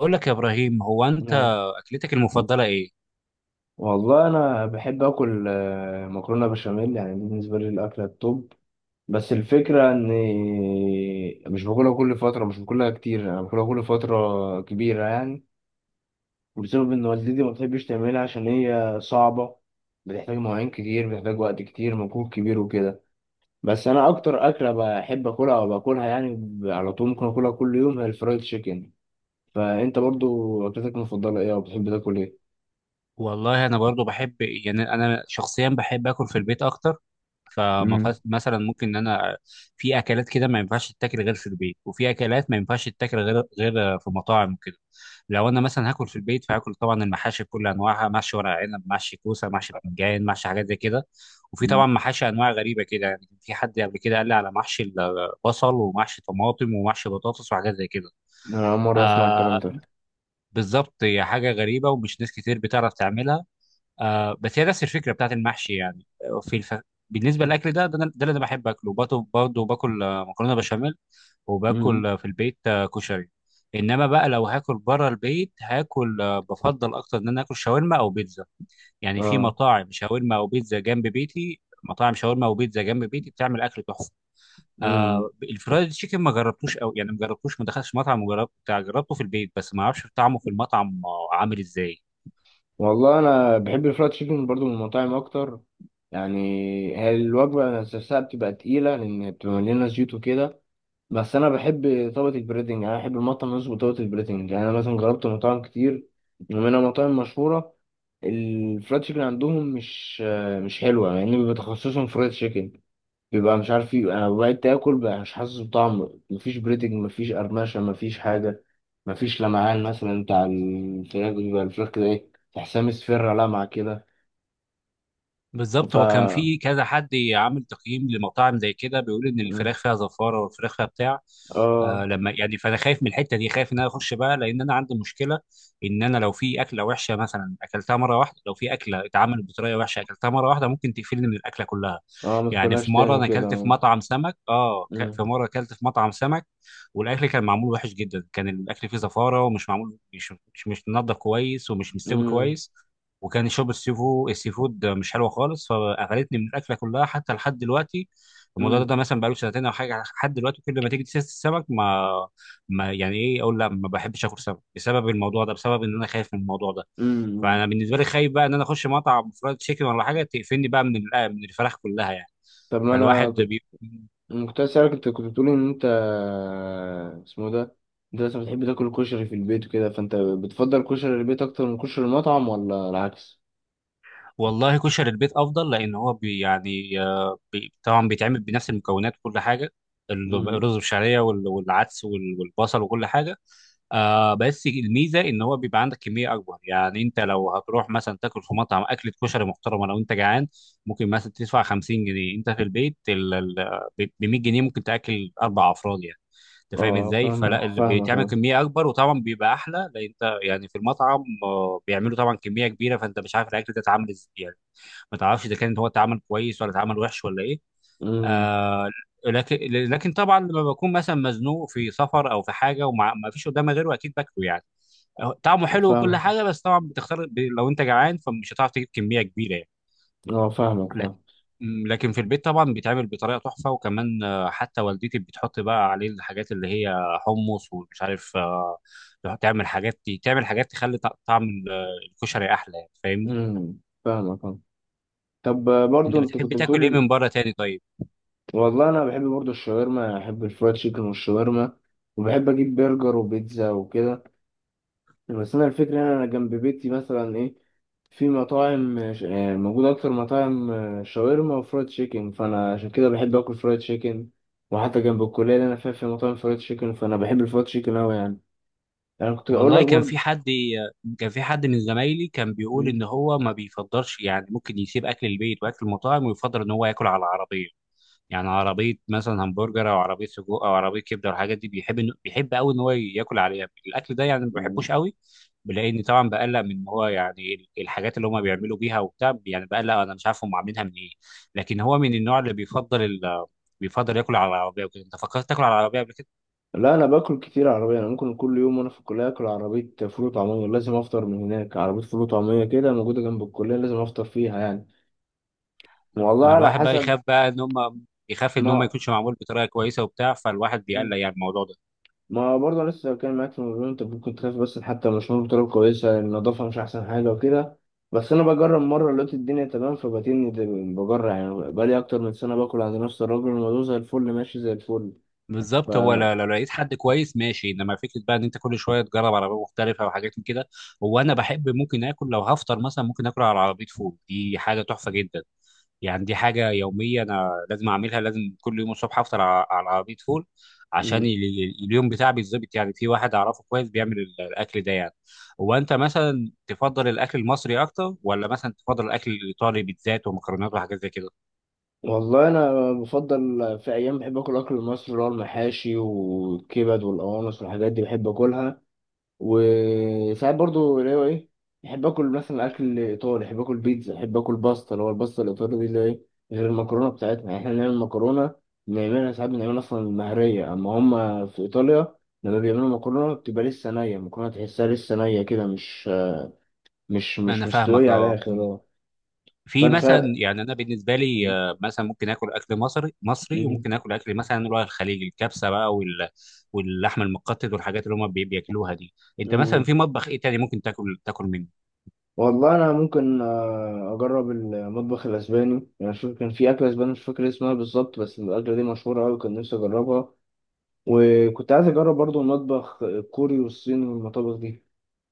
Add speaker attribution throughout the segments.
Speaker 1: اقول لك يا ابراهيم، هو انت
Speaker 2: آه.
Speaker 1: اكلتك المفضله ايه؟
Speaker 2: والله انا بحب اكل مكرونه بشاميل، يعني دي بالنسبه لي الاكله التوب. بس الفكره اني مش باكلها كل فتره، مش باكلها كتير، انا باكلها كل فتره كبيره يعني، بسبب ان والدتي ما بتحبش تعملها عشان هي صعبه، بتحتاج مواعين كتير، بتحتاج وقت كتير، مجهود كبير وكده. بس انا اكتر اكله بحب اكلها او باكلها يعني على طول، ممكن اكلها كل يوم، هي الفرايد تشيكن. فانت برضو اكلتك المفضله ايه، او بتحب تاكل ايه؟
Speaker 1: والله انا برضو بحب، يعني انا شخصيا بحب اكل في البيت اكتر. فمثلا ممكن، ان انا في اكلات كده ما ينفعش تتاكل غير في البيت، وفي اكلات ما ينفعش تتاكل غير في مطاعم وكده. لو انا مثلا هاكل في البيت، فهاكل طبعا المحاشي بكل انواعها: محشي ورق عنب، محشي كوسه، محشي بتنجان، محشي حاجات زي كده. وفي
Speaker 2: مم.
Speaker 1: طبعا محاشي انواع غريبه كده، يعني كان في حد قبل كده قال لي على محشي البصل، ومحشي طماطم، ومحشي بطاطس، وحاجات زي كده.
Speaker 2: انا اول مره اسمع الكلام
Speaker 1: آه،
Speaker 2: ده.
Speaker 1: بالظبط، هي حاجة غريبة، ومش ناس كتير بتعرف تعملها. آه، بس هي نفس الفكرة بتاعت المحشي يعني. بالنسبة للأكل ده، ده اللي أنا بحب أكله. برضه باكل مكرونة بشاميل، وباكل
Speaker 2: امم.
Speaker 1: في البيت كشري. إنما بقى، لو هاكل بره البيت، هاكل بفضل أكتر إن أنا آكل شاورما أو بيتزا. يعني في
Speaker 2: اه.
Speaker 1: مطاعم شاورما وبيتزا جنب بيتي بتعمل أكل تحفة.
Speaker 2: امم.
Speaker 1: آه، الفرايد تشيكن ما جربتوش قوي، يعني ما جربتوش، ما دخلتش مطعم جربته في البيت، بس ما اعرفش طعمه في المطعم عامل ازاي.
Speaker 2: والله انا بحب الفرايد تشيكن برضو من المطاعم اكتر يعني. هي الوجبه نفسها بتبقى تقيله لان بتبقى مليانه زيوت وكده. بس انا بحب طبقه البريدنج، يعني انا بحب المطعم يظبط طبقه البريدنج. يعني انا مثلا جربت مطاعم كتير ومنها مطاعم مشهوره، الفرايد تشيكن عندهم مش حلوه يعني، بيبقى تخصصهم فرايد تشيكن، بيبقى مش عارف ايه. انا بقيت اكل بقى مش حاسس بطعم، مفيش بريدنج، مفيش قرمشه، مفيش حاجه، مفيش لمعان مثلا بتاع الفراخ، بيبقى الفراخ كده ايه، تحسها مصفرة لمعة كده. ف
Speaker 1: بالظبط، هو كان في كذا حد عامل تقييم لمطاعم زي كده، بيقول ان
Speaker 2: مم.
Speaker 1: الفراخ فيها زفاره، والفراخ فيها بتاع.
Speaker 2: اه.
Speaker 1: لما يعني، فانا خايف من الحته دي، خايف ان انا اخش بقى، لان انا عندي مشكله ان انا لو في اكله وحشه، مثلا اكلتها مره واحده، لو في اكله اتعملت بطريقه وحشه اكلتها مره واحده، ممكن تقفلني من الاكله كلها.
Speaker 2: اه، ما
Speaker 1: يعني في
Speaker 2: تاكلهاش
Speaker 1: مره
Speaker 2: تاني
Speaker 1: انا
Speaker 2: كده.
Speaker 1: اكلت في مطعم سمك
Speaker 2: مم.
Speaker 1: في مره اكلت في مطعم سمك. والاكل كان معمول وحش جدا، كان الاكل فيه زفاره، ومش معمول، مش منضف كويس، ومش مستوي
Speaker 2: مم.
Speaker 1: كويس. وكان يشرب السي فود مش حلوه خالص، فقرفني من الاكله كلها حتى لحد دلوقتي. الموضوع ده,
Speaker 2: مم.
Speaker 1: ده مثلا بقاله سنتين او حاجه. لحد دلوقتي كل ما تيجي سيره السمك، ما يعني ايه، اقول لا، ما بحبش اكل سمك بسبب الموضوع ده، بسبب ان انا خايف من الموضوع ده.
Speaker 2: مم.
Speaker 1: فانا بالنسبه لي خايف بقى ان انا اخش مطعم فرايد تشيكن ولا حاجه، تقفلني بقى من الفراخ كلها يعني.
Speaker 2: طب ما انا
Speaker 1: فالواحد
Speaker 2: كنت أنا كنت عايز اسالك، انت كنت بتقولي ان انت اسمه ده، انت مثلا بتحب تاكل كشري في البيت وكده، فانت بتفضل كشري البيت اكتر من كشري المطعم ولا العكس؟
Speaker 1: والله كشري البيت افضل، لان هو بي يعني آه، بي طبعا بيتعمل بنفس المكونات وكل حاجه. الرز بالشعريه، والعدس، والبصل وكل حاجه. آه، بس الميزه ان هو بيبقى عندك كميه اكبر. يعني انت لو هتروح مثلا تاكل في مطعم اكله كشري محترمه، لو انت جعان، ممكن مثلا تدفع 50 جنيه. انت في البيت ب 100 جنيه ممكن تاكل اربع افراد يعني. انت فاهم
Speaker 2: اه،
Speaker 1: ازاي؟ فلا،
Speaker 2: فاهمك
Speaker 1: اللي
Speaker 2: فاهمك
Speaker 1: بيتعمل
Speaker 2: اه.
Speaker 1: كميه اكبر وطبعا بيبقى احلى. لان انت يعني في المطعم بيعملوا طبعا كميه كبيره، فانت مش عارف الاكل ده اتعمل ازاي يعني. ما تعرفش اذا كان هو اتعمل كويس، ولا اتعمل وحش، ولا ايه.
Speaker 2: امم.
Speaker 1: آه، لكن طبعا لما بكون مثلا مزنوق في سفر او في حاجه وما فيش قدامي غيره، اكيد باكله يعني. طعمه حلو وكل
Speaker 2: فاهمك
Speaker 1: حاجه. بس طبعا بتختار، لو انت جعان فمش هتعرف تجيب كميه كبيره يعني.
Speaker 2: اه، فاهمك
Speaker 1: لكن
Speaker 2: فاهم.
Speaker 1: لكن في البيت طبعا بيتعمل بطريقه تحفه. وكمان حتى والدتي بتحط بقى عليه الحاجات اللي هي حمص، ومش عارف، تعمل حاجات، تخلي طعم الكشري احلى يعني، فاهمني.
Speaker 2: امم. فاهمك اه. طب برضو
Speaker 1: انت
Speaker 2: انت
Speaker 1: بتحب
Speaker 2: كنت
Speaker 1: تاكل ايه
Speaker 2: بتقول.
Speaker 1: من بره تاني طيب؟
Speaker 2: والله انا بحب برضو الشاورما، يعني احب الفرايد تشيكن والشاورما، وبحب اجيب برجر وبيتزا وكده. بس انا الفكره ان انا جنب بيتي مثلا ايه، في مطاعم موجود اكتر مطاعم شاورما وفرايد تشيكن، فانا عشان كده بحب اكل فرايد تشيكن. وحتى جنب الكليه اللي انا فيها في مطاعم فرايد تشيكن، فانا بحب الفرايد تشيكن اوي يعني. انا كنت اقول
Speaker 1: والله
Speaker 2: لك برضو.
Speaker 1: كان في حد من زمايلي كان بيقول
Speaker 2: مم.
Speaker 1: ان هو ما بيفضلش، يعني ممكن يسيب اكل البيت واكل المطاعم ويفضل ان هو ياكل على العربيه. يعني عربيه مثلا همبرجر، او عربيه سجق، او عربيه كبده والحاجات دي. بيحب قوي ان هو ياكل عليها الاكل ده، يعني ما بحبوش قوي. بلاقيني طبعا بقلق من إن هو، يعني الحاجات اللي هم بيعملوا بيها وبتاع، يعني بقلق انا مش عارف هم عاملينها من ايه. لكن هو من النوع اللي بيفضل ياكل على العربيه وكده. انت فكرت تاكل على العربيه قبل كده؟
Speaker 2: لا، انا باكل كتير عربيه، انا ممكن كل يوم وانا في الكليه اكل عربيه فول وطعميه، لازم افطر من هناك، عربيه فول وطعميه كده موجوده جنب الكليه، لازم افطر فيها يعني. والله
Speaker 1: ما
Speaker 2: على
Speaker 1: الواحد بقى
Speaker 2: حسب.
Speaker 1: يخاف بقى ان هم، ما
Speaker 2: ما
Speaker 1: يكونش معمول بطريقه كويسه وبتاع، فالواحد بيقلق يعني الموضوع ده.
Speaker 2: ما برضه لسه كان معاك في الموضوع، انت ممكن تخاف، بس حتى مش مهم بطريقه كويسه، النظافه مش احسن حاجه وكده. بس انا بجرب مره، لقيت الدنيا تمام، بجرب يعني، بقالي اكتر من سنه باكل عند نفس الراجل، الموضوع زي الفل ماشي زي الفل. ف
Speaker 1: بالظبط، هو لو لقيت حد كويس ماشي. انما فكره بقى ان انت كل شويه تجرب عربيه مختلفه وحاجات من كده. هو انا بحب ممكن اكل. لو هفطر مثلا، ممكن اكل على عربيه فول، دي حاجه تحفه جدا. يعني دي حاجة يومية، أنا لازم أعملها، لازم كل يوم الصبح أفطر على عربية فول. عشان اليوم بتاعي بيتظبط. يعني في واحد أعرفه كويس بيعمل الأكل ده يعني. هو أنت مثلا تفضل الأكل المصري أكتر، ولا مثلا تفضل الأكل الإيطالي، بيتزات ومكرونات وحاجات زي كده؟
Speaker 2: والله انا بفضل في ايام بحب اكل اكل المصري، اللي هو المحاشي والكبد والقوانص والحاجات دي، بحب اكلها. وساعات برضو اللي هو ايه، بحب اكل مثلا اكل ايطالي، بحب اكل بيتزا، بحب اكل باستا، اللي هو الباستا الايطالي دي اللي هي ايه، غير المكرونه بتاعتنا. يعني احنا بنعمل مكرونه، بنعملها ساعات، بنعملها اصلا مهريه، اما هم في ايطاليا لما بيعملوا مكرونه بتبقى لسه نيه، المكرونه تحسها لسه نيه كده، مش
Speaker 1: أنا فاهمك.
Speaker 2: مستويه على
Speaker 1: أه
Speaker 2: الاخر
Speaker 1: مم.
Speaker 2: اه.
Speaker 1: في
Speaker 2: فانا
Speaker 1: مثلا
Speaker 2: ساعات
Speaker 1: يعني، أنا بالنسبة لي مثلا ممكن آكل أكل مصري مصري، وممكن آكل أكل مثلا اللي هو الخليجي، الكبسة بقى واللحم المقطط والحاجات اللي هم بياكلوها دي. أنت مثلا في مطبخ إيه تاني ممكن تاكل منه؟
Speaker 2: والله انا ممكن اجرب المطبخ الاسباني يعني، شوف كان في اكله اسباني مش فاكر اسمها بالظبط، بس الاكله دي مشهوره قوي، كان نفسي اجربها. وكنت عايز اجرب برضو المطبخ الكوري والصيني والمطابخ دي.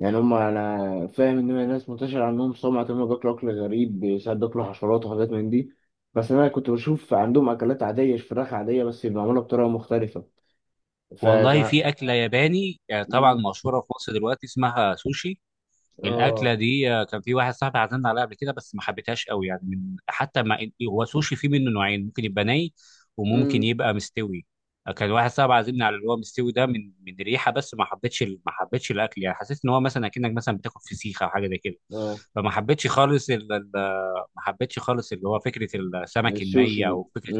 Speaker 2: يعني هم، انا فاهم ان هي ناس منتشر عنهم سمعه ان هم بياكلوا اكل غريب، ساعات بياكلوا حشرات وحاجات من دي، بس انا كنت بشوف عندهم اكلات عاديه، فراخ عاديه بس معموله بطريقه مختلفه.
Speaker 1: والله
Speaker 2: فكان
Speaker 1: في أكلة ياباني، طبعا
Speaker 2: مم.
Speaker 1: مشهورة في مصر دلوقتي، اسمها سوشي.
Speaker 2: اه.
Speaker 1: الأكلة دي كان في واحد صاحبي عزمنا عليها قبل كده، بس ما حبيتهاش قوي يعني، من حتى ما هو سوشي فيه منه نوعين: ممكن يبقى ني، وممكن
Speaker 2: امم.
Speaker 1: يبقى مستوي. كان واحد صاحبي عازمنا على اللي هو مستوي ده، من ريحة، بس ما حبيتش الأكل. يعني حسيت إن هو مثلا أكنك مثلا بتاكل فسيخة أو حاجة زي كده.
Speaker 2: اه.
Speaker 1: فما حبيتش خالص ما حبيتش خالص اللي هو فكرة السمك
Speaker 2: السوشي.
Speaker 1: الني، أو فكرة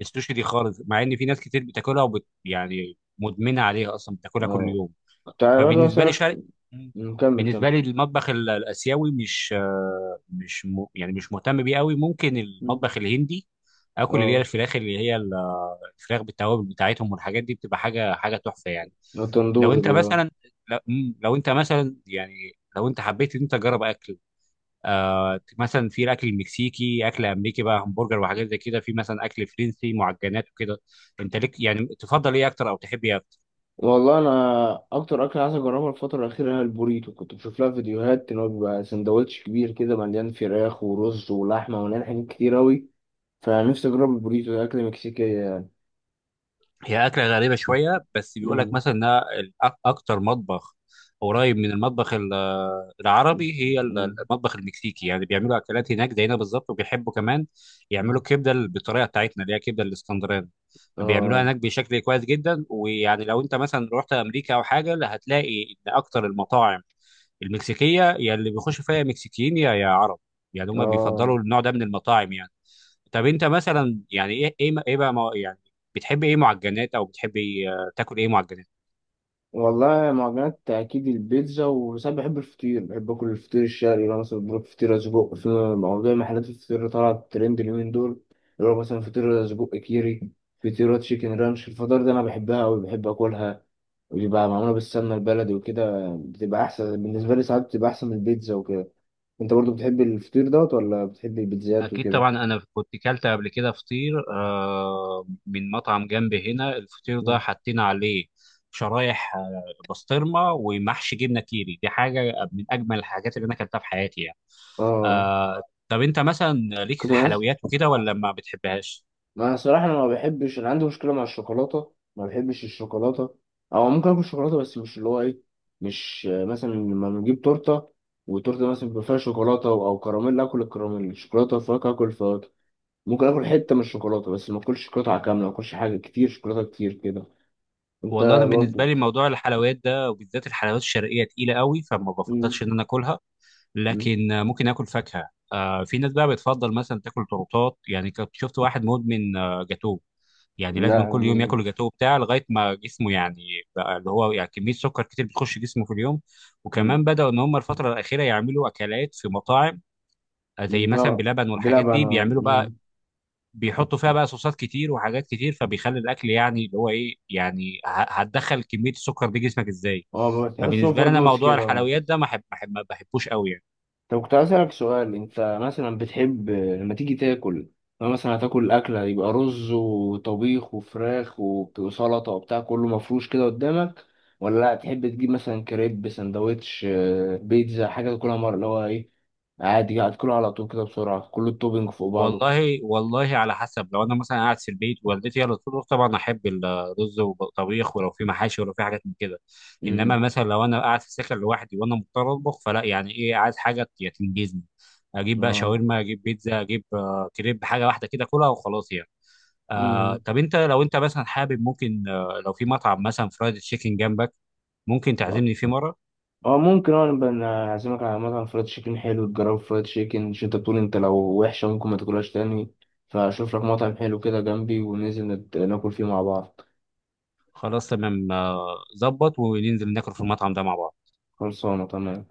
Speaker 1: السوشي دي خالص، مع ان في ناس كتير بتاكلها يعني مدمنه عليها اصلا بتاكلها كل
Speaker 2: اه.
Speaker 1: يوم.
Speaker 2: كنت برضه
Speaker 1: فبالنسبه لي
Speaker 2: اسألك
Speaker 1: مم.
Speaker 2: نكمل كمل.
Speaker 1: بالنسبه لي المطبخ الاسيوي مش، يعني مش مهتم بيه قوي. ممكن
Speaker 2: مم.
Speaker 1: المطبخ الهندي، اكل اللي هي
Speaker 2: اه.
Speaker 1: الفراخ، اللي هي الفراخ بالتوابل بتاعتهم والحاجات دي بتبقى حاجه تحفه يعني.
Speaker 2: التندور
Speaker 1: لو انت
Speaker 2: دي اه.
Speaker 1: مثلا لو انت مثلا يعني، لو انت حبيت ان انت تجرب اكل، مثلا في الاكل المكسيكي، اكل امريكي بقى همبرجر وحاجات زي كده، في مثلا اكل فرنسي معجنات وكده. انت ليك يعني، تفضل ايه اكتر، او تحب ايه اكتر؟
Speaker 2: والله انا اكتر اكل عايز اجربها الفتره الاخيره هي البوريتو، كنت بشوف لها فيديوهات ان هو بيبقى سندوتش كبير كده، مليان فراخ ورز ولحمه ومليان حاجات كتير اوي. فنفسي اجرب البوريتو ده، اكل مكسيكيه يعني.
Speaker 1: هي اكله غريبه شويه، بس بيقول لك
Speaker 2: مم.
Speaker 1: مثلا انها اكتر مطبخ قريب من المطبخ
Speaker 2: مش.
Speaker 1: العربي، هي
Speaker 2: مم.
Speaker 1: المطبخ المكسيكي. يعني بيعملوا اكلات هناك زينا بالظبط، وبيحبوا كمان يعملوا
Speaker 2: مم.
Speaker 1: الكبده بالطريقه بتاعتنا اللي هي كبده الاسكندراني. بيعملوها
Speaker 2: اه.
Speaker 1: هناك بشكل كويس جدا. ويعني لو انت مثلا رحت امريكا او حاجه، لا، هتلاقي ان اكتر المطاعم المكسيكيه يا اللي بيخش فيها مكسيكيين، يا عرب. يعني هم
Speaker 2: اه.
Speaker 1: بيفضلوا النوع ده من المطاعم يعني. طب انت مثلا يعني، ايه بقى يعني، بتحب ايه معجنات، او بتحب تاكل ايه معجنات؟
Speaker 2: والله معجنات أكيد البيتزا، وساعات بحب الفطير، بحب آكل الفطير الشرقي، لو مثلا بروح فطيرة سجق. في موضوع محلات الفطير، طلعت ترند اليومين دول، اللي هو مثلا فطيرة سجق كيري، فطيرة تشيكن رانش، الفطار ده أنا بحبها أوي، بحب آكلها. وبيبقى معمولة بالسمنة البلدي وكده، بتبقى أحسن بالنسبة لي، ساعات بتبقى أحسن من البيتزا وكده. أنت برضو بتحب الفطير دوت ولا بتحب البيتزات
Speaker 1: اكيد
Speaker 2: وكده؟
Speaker 1: طبعا، انا كنت كلت قبل كده فطير من مطعم جنب هنا. الفطير ده
Speaker 2: مم.
Speaker 1: حاطين عليه شرايح بسطرمه ومحشي جبنه كيري. دي حاجه من اجمل الحاجات اللي انا اكلتها في حياتي يعني.
Speaker 2: آه.
Speaker 1: آه، طب انت مثلا ليك في
Speaker 2: كنت
Speaker 1: الحلويات وكده، ولا ما بتحبهاش؟
Speaker 2: ما أنا صراحة، أنا ما بحبش، أنا عندي مشكلة مع الشوكولاتة، ما بحبش الشوكولاتة. أو ممكن آكل شوكولاتة بس مش اللي هو إيه، مش مثلا لما نجيب تورتة، وتورتة مثلا بيبقى فيها شوكولاتة أو كراميل، آكل الكراميل، شوكولاتة وفواكه آكل الفواكه. ممكن آكل حتة من الشوكولاتة بس ما آكلش قطعة كاملة، ما آكلش حاجة كتير، شوكولاتة كتير كده. أنت
Speaker 1: والله انا بالنسبه
Speaker 2: برضو
Speaker 1: لي موضوع الحلويات ده، وبالذات الحلويات الشرقيه تقيله قوي، فما
Speaker 2: مم.
Speaker 1: بفضلش ان انا اكلها.
Speaker 2: مم.
Speaker 1: لكن ممكن اكل فاكهه. في ناس بقى بتفضل مثلا تاكل تورتات، يعني كنت شفت واحد مدمن جاتوه. يعني لازم
Speaker 2: لا.
Speaker 1: كل يوم
Speaker 2: مم.
Speaker 1: ياكل الجاتوه بتاعه لغايه ما جسمه يعني، بقى اللي هو يعني كميه سكر كتير بتخش جسمه في اليوم. وكمان
Speaker 2: مم.
Speaker 1: بداوا ان هم الفتره الاخيره يعملوا اكلات في مطاعم زي مثلا
Speaker 2: لا.
Speaker 1: بلبن والحاجات
Speaker 2: بلعب
Speaker 1: دي
Speaker 2: أنا.
Speaker 1: بيعملوا بقى،
Speaker 2: مم.
Speaker 1: بيحطوا فيها بقى صوصات كتير وحاجات كتير، فبيخلي الاكل يعني اللي هو ايه، يعني هتدخل كميه السكر دي جسمك ازاي.
Speaker 2: أه، بتحسهم
Speaker 1: فبالنسبه لي انا
Speaker 2: فردوس
Speaker 1: موضوع
Speaker 2: كده.
Speaker 1: الحلويات ده ما بحبوش قوي يعني.
Speaker 2: طب كنت عايز اسألك سؤال، انت مثلا بتحب لما تيجي تاكل، لو مثلا هتاكل أكلة يبقى رز وطبيخ وفراخ وسلطة وبتاع كله مفروش كده قدامك، ولا تحب تجيب مثلا كريب، سندوتش، بيتزا، حاجة تاكلها مرة اللي هو ايه، عادي هتاكلها على طول كده بسرعة، كل التوبينج فوق بعضه.
Speaker 1: والله على حسب. لو انا مثلا قاعد في البيت والدتي هي اللي تطبخ، طبعا احب الرز والطبيخ، ولو في محاشي ولو في حاجات من كده. انما
Speaker 2: امم.
Speaker 1: مثلا لو انا قاعد في السكن لوحدي وانا مضطر اطبخ، فلا يعني، ايه، عايز حاجه تنجزني، اجيب بقى
Speaker 2: اه.
Speaker 1: شاورما، اجيب بيتزا، اجيب كريب، حاجه واحده كده كلها وخلاص يعني. آه،
Speaker 2: مم.
Speaker 1: طب انت لو انت مثلا حابب، ممكن لو في مطعم مثلا فرايد تشيكن جنبك، ممكن تعزمني فيه مره؟
Speaker 2: اه ممكن، اه نبقى نعزمك على مطعم فرايد تشيكن حلو، تجرب فرايد تشيكن، مش انت بتقول انت لو وحشة ممكن ما تاكلهاش تاني؟ فاشوف لك مطعم حلو كده جنبي، وننزل ناكل فيه مع بعض.
Speaker 1: خلاص تمام، ظبط. وننزل ناكل في المطعم ده مع بعض.
Speaker 2: خلصانة تمام.